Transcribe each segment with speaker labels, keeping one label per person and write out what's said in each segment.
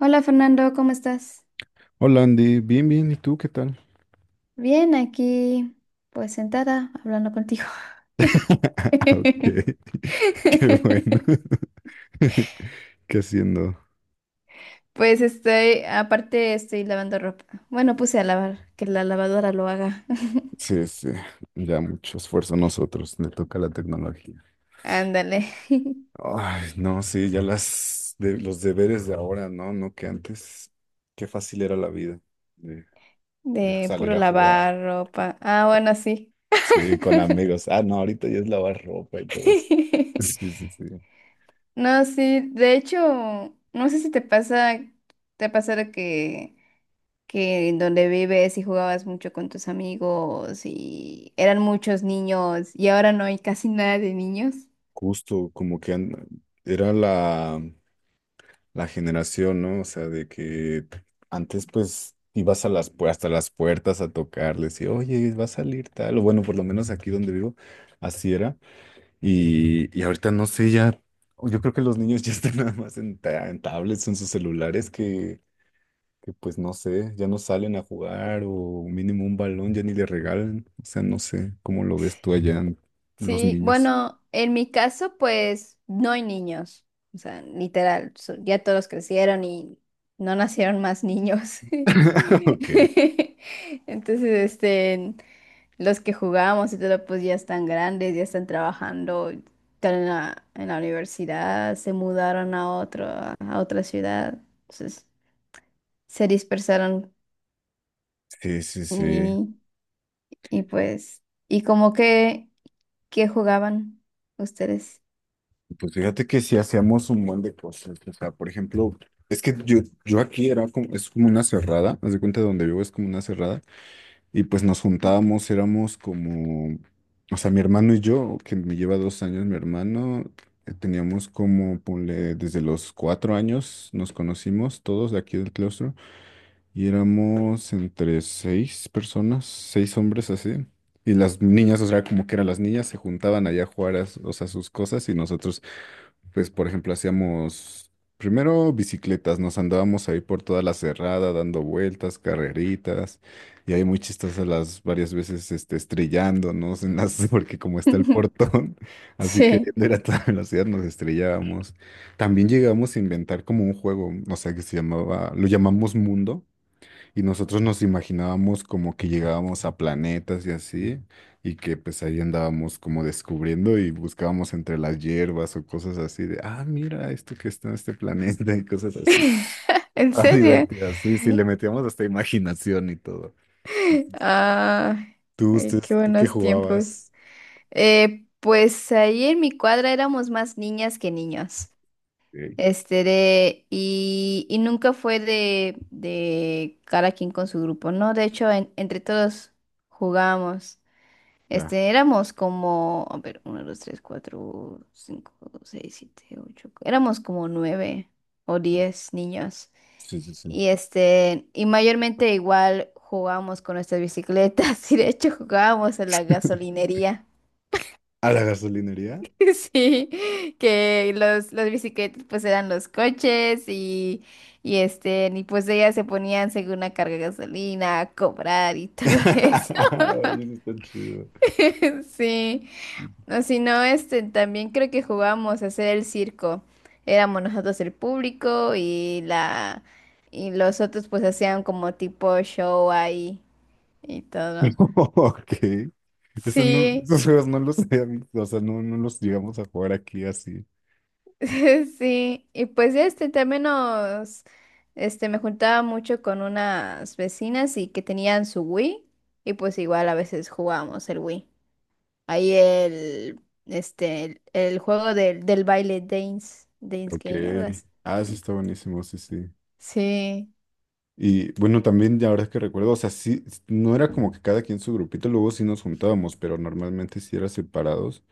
Speaker 1: Hola Fernando, ¿cómo estás?
Speaker 2: Hola Andy, bien, bien, ¿y tú qué tal?
Speaker 1: Bien, aquí pues sentada hablando contigo.
Speaker 2: Ah, Ok, qué bueno. ¿Qué haciendo?
Speaker 1: Pues estoy, aparte estoy lavando ropa. Bueno, puse a lavar, que la lavadora lo haga.
Speaker 2: Sí, sí, ya mucho esfuerzo a nosotros, le toca la tecnología.
Speaker 1: Ándale,
Speaker 2: Ay, no, sí, ya las de, los deberes de ahora, no, no que antes, qué fácil era la vida de, de
Speaker 1: de puro
Speaker 2: salir a jugar,
Speaker 1: lavar ropa. Ah, bueno, sí.
Speaker 2: sí, con amigos. Ah, no, ahorita ya es lavar ropa y todo eso. Sí, sí, sí.
Speaker 1: No, sí, de hecho, no sé si te pasa de que en donde vives y jugabas mucho con tus amigos y eran muchos niños y ahora no hay casi nada de niños.
Speaker 2: Justo, como que era la generación, ¿no? O sea, de que antes pues ibas hasta las puertas a tocarles y, oye, va a salir tal, o bueno, por lo menos aquí donde vivo, así era. Y ahorita no sé, ya, yo creo que los niños ya están nada más en tablets, en sus celulares, que pues no sé, ya no salen a jugar o mínimo un balón ya ni le regalan. O sea, no sé, ¿cómo lo ves tú allá, los
Speaker 1: Sí,
Speaker 2: niños?
Speaker 1: bueno, en mi caso pues no hay niños, o sea, literal, ya todos crecieron y no nacieron más niños.
Speaker 2: Ok.
Speaker 1: Entonces, los que jugamos y todo pues ya están grandes, ya están trabajando, están en la universidad, se mudaron a a otra ciudad. Entonces, se dispersaron
Speaker 2: Sí, sí, sí.
Speaker 1: y, y como que, ¿qué jugaban ustedes?
Speaker 2: Pues fíjate que sí hacíamos un buen de cosas. O sea, por ejemplo, es que yo aquí era como, es como una cerrada, haz de cuenta de donde vivo es como una cerrada, y pues nos juntábamos, éramos como, o sea, mi hermano y yo, que me lleva 2 años mi hermano, teníamos como, ponle, desde los 4 años nos conocimos todos de aquí del claustro, y éramos entre seis personas, seis hombres así. Y las niñas, o sea, como que eran las niñas, se juntaban allá a jugar, o sea, sus cosas y nosotros pues, por ejemplo, hacíamos primero bicicletas, nos andábamos ahí por toda la cerrada, dando vueltas, carreritas, y ahí muy chistosas las varias veces estrellándonos en las, porque como está el portón, así que
Speaker 1: Sí.
Speaker 2: era a toda velocidad nos estrellábamos. También llegamos a inventar como un juego, o sea, que se llamaba, lo llamamos Mundo, y nosotros nos imaginábamos como que llegábamos a planetas y así, y que pues ahí andábamos como descubriendo y buscábamos entre las hierbas o cosas así de, ah, mira esto que está en este planeta y cosas así.
Speaker 1: ¿En
Speaker 2: Ah,
Speaker 1: serio?
Speaker 2: divertidas. Sí, sí, le metíamos hasta imaginación y todo. Sí, sí, sí.
Speaker 1: Ah,
Speaker 2: ¿Tú,
Speaker 1: ay, qué
Speaker 2: ustedes, tú qué
Speaker 1: buenos tiempos.
Speaker 2: jugabas?
Speaker 1: Pues ahí en mi cuadra éramos más niñas que niños.
Speaker 2: Eh,
Speaker 1: Y nunca fue de cada quien con su grupo, ¿no? De hecho, entre todos jugábamos.
Speaker 2: ya.
Speaker 1: Este, éramos como, a ver, uno, dos, tres, cuatro, cinco, seis, siete, ocho. Éramos como nueve o 10 niños.
Speaker 2: Sí, sí, sí.
Speaker 1: Y este, y mayormente igual jugábamos con nuestras bicicletas. Y de hecho jugábamos en la gasolinería.
Speaker 2: ¿A la gasolinería?
Speaker 1: Sí, que las bicicletas pues eran los coches y, pues ellas se ponían según la carga de gasolina a cobrar y todo eso.
Speaker 2: Ay, eso está chido.
Speaker 1: Sí. No, si no, este, también creo que jugábamos a hacer el circo. Éramos nosotros el público y la y los otros pues hacían como tipo show ahí y todo.
Speaker 2: Ok. Eso no,
Speaker 1: Sí,
Speaker 2: esos juegos no los o sea, no, no los llegamos a jugar aquí así.
Speaker 1: sí. Y pues también nos este me juntaba mucho con unas vecinas y que tenían su Wii y pues igual a veces jugábamos el Wii. Ahí el juego del baile Dance Dance
Speaker 2: Ok.
Speaker 1: Game, algo así.
Speaker 2: Ah, eso está buenísimo, sí, sí.
Speaker 1: Sí.
Speaker 2: Y bueno, también ya ahora que recuerdo, o sea, sí, no era como que cada quien su grupito, luego sí nos juntábamos, pero normalmente sí era separados.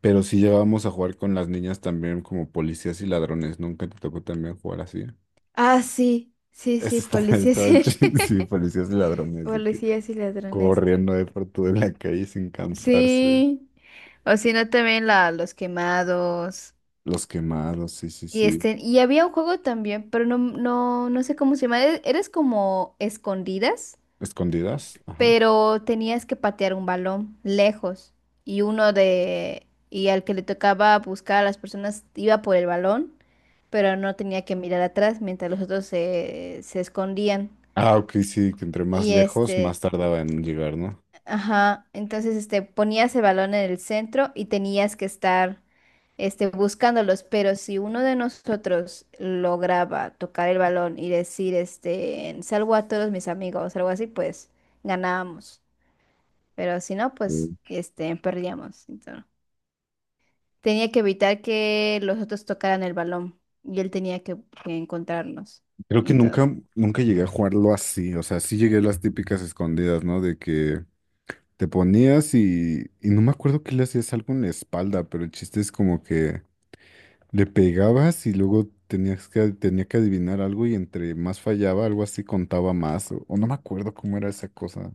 Speaker 2: Pero sí llegábamos a jugar con las niñas también como policías y ladrones. Nunca te tocó también jugar así.
Speaker 1: Ah, sí, sí,
Speaker 2: Eso
Speaker 1: sí,
Speaker 2: estaba,
Speaker 1: policías
Speaker 2: estaba
Speaker 1: y...
Speaker 2: chido, sí, policías y ladrones, de que
Speaker 1: policías y ladrones.
Speaker 2: corriendo de por toda la calle sin cansarse.
Speaker 1: Sí, o si no también la, los quemados.
Speaker 2: Los quemados, sí, sí,
Speaker 1: Y
Speaker 2: sí.
Speaker 1: este, y había un juego también, pero no, no, no sé cómo se llama. Eres como escondidas,
Speaker 2: Escondidas. Ajá.
Speaker 1: pero tenías que patear un balón lejos. Y uno de, y al que le tocaba buscar a las personas iba por el balón, pero no tenía que mirar atrás mientras los otros se escondían.
Speaker 2: Ah, ok, sí, que entre más
Speaker 1: Y
Speaker 2: lejos, más
Speaker 1: este.
Speaker 2: tardaba en llegar, ¿no?
Speaker 1: Ajá, entonces ponías el balón en el centro y tenías que estar este, buscándolos, pero si uno de nosotros lograba tocar el balón y decir, este, salvo a todos mis amigos, algo así, pues ganábamos, pero si no, pues
Speaker 2: Mm.
Speaker 1: este, perdíamos. Entonces, tenía que evitar que los otros tocaran el balón y él tenía que encontrarnos.
Speaker 2: Creo que
Speaker 1: Entonces,
Speaker 2: nunca, nunca llegué a jugarlo así. O sea, sí llegué a las típicas escondidas, ¿no? De que te ponías y no me acuerdo que le hacías algo en la espalda, pero el chiste es como que le pegabas y luego tenía que adivinar algo y entre más fallaba, algo así contaba más. O no me acuerdo cómo era esa cosa.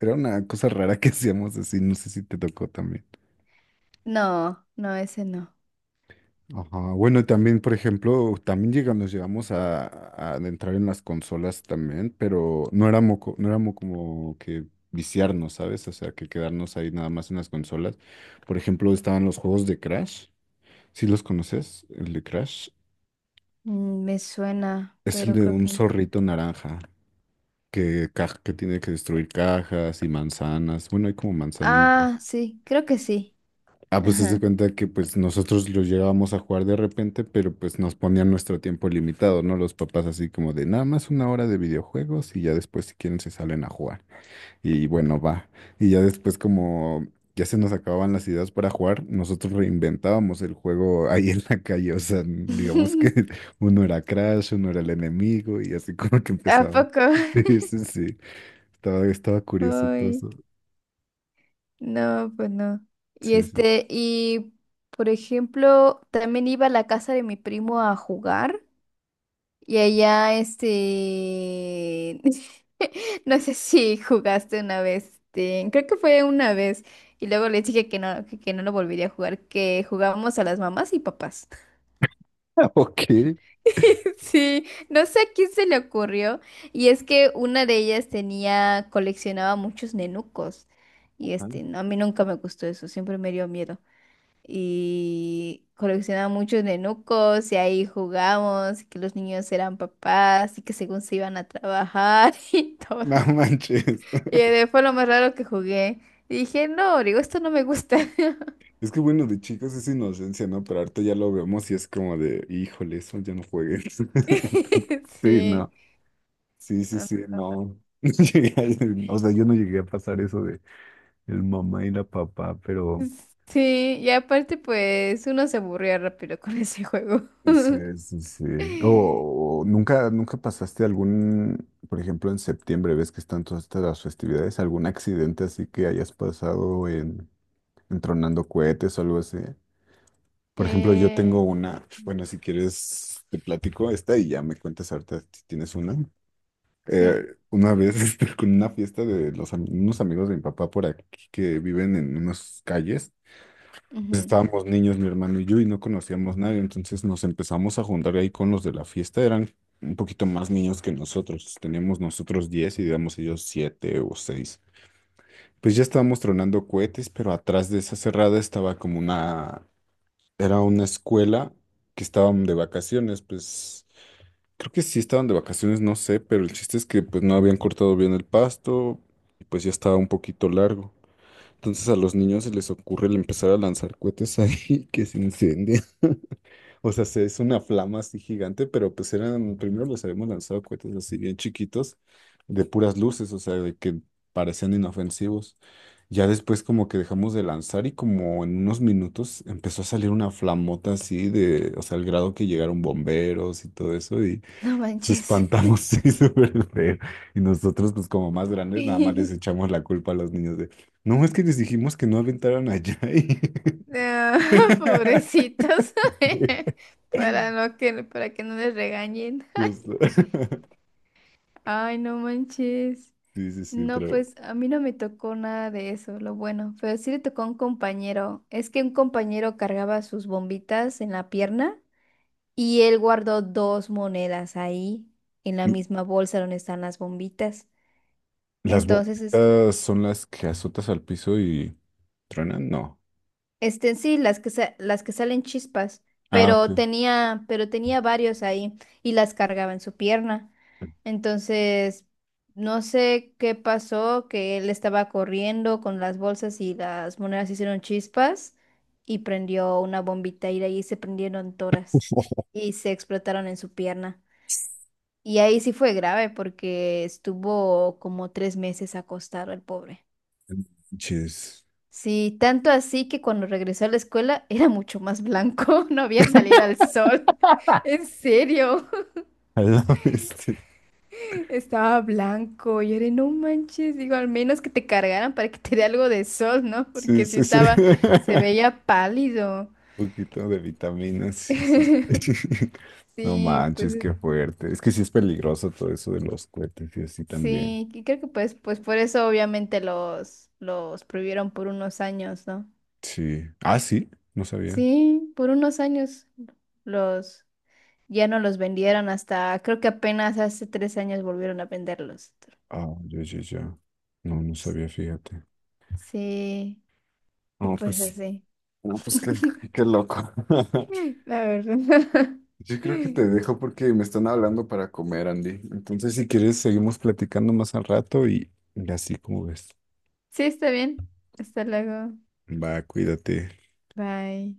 Speaker 2: Era una cosa rara que hacíamos así, no sé si te tocó también.
Speaker 1: no, no, ese no.
Speaker 2: Ajá, bueno, también, por ejemplo, también nos llegamos a adentrar en las consolas también, pero no éramos, no éramos como que viciarnos, ¿sabes? O sea, que quedarnos ahí nada más en las consolas. Por ejemplo, estaban los juegos de Crash. ¿Sí los conoces? El de Crash.
Speaker 1: Mm, me suena,
Speaker 2: Es el
Speaker 1: pero
Speaker 2: de
Speaker 1: creo
Speaker 2: un
Speaker 1: que no.
Speaker 2: zorrito naranja que tiene que destruir cajas y manzanas. Bueno, hay como manzanitas.
Speaker 1: Ah, sí, creo que sí.
Speaker 2: Ah, pues se
Speaker 1: Ajá.
Speaker 2: cuenta que pues nosotros los llegábamos a jugar de repente, pero pues nos ponían nuestro tiempo limitado, ¿no? Los papás así como de nada más una hora de videojuegos y ya después si quieren se salen a jugar. Y bueno, va. Y ya después como ya se nos acababan las ideas para jugar, nosotros reinventábamos el juego ahí en la calle. O sea, digamos que uno era Crash, uno era el enemigo y así como que
Speaker 1: ¿A
Speaker 2: empezaba.
Speaker 1: poco?
Speaker 2: Sí, sí, sí. Estaba curioso todo
Speaker 1: Ay,
Speaker 2: eso.
Speaker 1: no, pues no. Y
Speaker 2: Sí, sí. Sí.
Speaker 1: este, y por ejemplo, también iba a la casa de mi primo a jugar y allá este, no sé si jugaste una vez, este, creo que fue una vez y luego les dije que no, que no lo volvería a jugar, que jugábamos a las mamás y papás.
Speaker 2: Ok.
Speaker 1: Sí, no sé a quién se le ocurrió. Y es que una de ellas tenía, coleccionaba muchos nenucos. Y este,
Speaker 2: Ah.
Speaker 1: no, a mí nunca me gustó eso, siempre me dio miedo. Y coleccionaba muchos nenucos y ahí jugamos, y que los niños eran papás y que según se iban a trabajar y
Speaker 2: No
Speaker 1: todo.
Speaker 2: manches.
Speaker 1: Y fue lo más raro que jugué. Y dije, no, digo, esto no me gusta.
Speaker 2: Es que bueno, de chicos es inocencia, ¿no? Pero ahorita ya lo vemos y es como de, híjole, eso ya no juegues. Sí,
Speaker 1: Sí.
Speaker 2: no. Sí, sí,
Speaker 1: No,
Speaker 2: sí, no. No llegué a- O sea, yo no llegué a pasar eso de el mamá y la papá, pero
Speaker 1: sí, y aparte pues uno se aburría rápido con ese juego.
Speaker 2: sí, sí, sí. O nunca, nunca pasaste algún, por ejemplo, en septiembre, ves que están todas estas las festividades, algún accidente así que hayas pasado en, tronando cohetes o algo así. Por ejemplo, yo tengo
Speaker 1: Eh,
Speaker 2: una, bueno, si quieres te platico esta y ya me cuentas ahorita si tienes una. Eh,
Speaker 1: sí,
Speaker 2: una vez con una fiesta de unos amigos de mi papá por aquí que viven en unas calles, pues
Speaker 1: ujú,
Speaker 2: estábamos niños, mi hermano y yo, y no conocíamos nadie, entonces nos empezamos a juntar ahí con los de la fiesta, eran un poquito más niños que nosotros, teníamos nosotros 10 y digamos ellos 7 o 6. Pues ya estábamos tronando cohetes, pero atrás de esa cerrada estaba como una era una escuela que estaban de vacaciones, pues creo que sí estaban de vacaciones, no sé, pero el chiste es que pues no habían cortado bien el pasto y pues ya estaba un poquito largo. Entonces a los niños se les ocurre el empezar a lanzar cohetes ahí que se incendian. O sea, es una flama así gigante, pero pues eran, primero los habíamos lanzado cohetes así bien chiquitos, de puras luces, o sea, de que parecían inofensivos. Ya después como que dejamos de lanzar y como en unos minutos empezó a salir una flamota así de, o sea, al grado que llegaron bomberos y todo eso y
Speaker 1: no
Speaker 2: nos
Speaker 1: manches.
Speaker 2: espantamos, sí, súper feo. Y nosotros pues como más grandes nada más les echamos la culpa a los niños de, no, es que les dijimos que no aventaran allá y...
Speaker 1: No, pobrecitos. Para no que, para que no les regañen.
Speaker 2: Justo.
Speaker 1: Ay, no manches.
Speaker 2: Sí, sí, sí,
Speaker 1: No,
Speaker 2: tremendo.
Speaker 1: pues a mí no me tocó nada de eso, lo bueno, pero sí le tocó a un compañero. Es que un compañero cargaba sus bombitas en la pierna. Y él guardó dos monedas ahí, en la misma bolsa donde están las bombitas.
Speaker 2: ¿Las
Speaker 1: Entonces,
Speaker 2: bombitas son las que azotas al piso y truenan? No.
Speaker 1: sí, las que salen chispas,
Speaker 2: Ah,
Speaker 1: pero
Speaker 2: ok.
Speaker 1: tenía, pero tenía varios ahí y las cargaba en su pierna. Entonces, no sé qué pasó, que él estaba corriendo con las bolsas y las monedas hicieron chispas y prendió una bombita y de ahí se prendieron todas
Speaker 2: Oh,
Speaker 1: y se explotaron en su pierna. Y ahí sí fue grave porque estuvo como 3 meses acostado el pobre.
Speaker 2: jeez.
Speaker 1: Sí, tanto así que cuando regresó a la escuela era mucho más blanco, no había salir al sol. En serio,
Speaker 2: A la bestia.
Speaker 1: estaba blanco. Y era, no manches, digo, al menos que te cargaran para que te dé algo de sol, ¿no?
Speaker 2: Sí,
Speaker 1: Porque sí
Speaker 2: sí, sí.
Speaker 1: estaba, se veía pálido.
Speaker 2: Un poquito de vitaminas, sí, sí, sí. No
Speaker 1: Sí, pues
Speaker 2: manches, qué fuerte. Es que sí es peligroso todo eso de los cohetes y así también.
Speaker 1: sí, y creo que pues por eso obviamente los prohibieron por unos años, ¿no?
Speaker 2: Sí. Ah, sí, no sabía.
Speaker 1: Sí, por unos años los ya no los vendieron hasta, creo que apenas hace 3 años volvieron a venderlos.
Speaker 2: Ah, ya, ya, ya. No, no sabía, fíjate.
Speaker 1: Sí, y
Speaker 2: No,
Speaker 1: pues
Speaker 2: pues,
Speaker 1: así.
Speaker 2: no, pues qué, qué loco.
Speaker 1: La verdad.
Speaker 2: Yo creo que te dejo porque me están hablando para comer, Andy. Entonces, si quieres, seguimos platicando más al rato y así como ves.
Speaker 1: Sí, está bien. Hasta luego.
Speaker 2: Va, cuídate.
Speaker 1: Bye.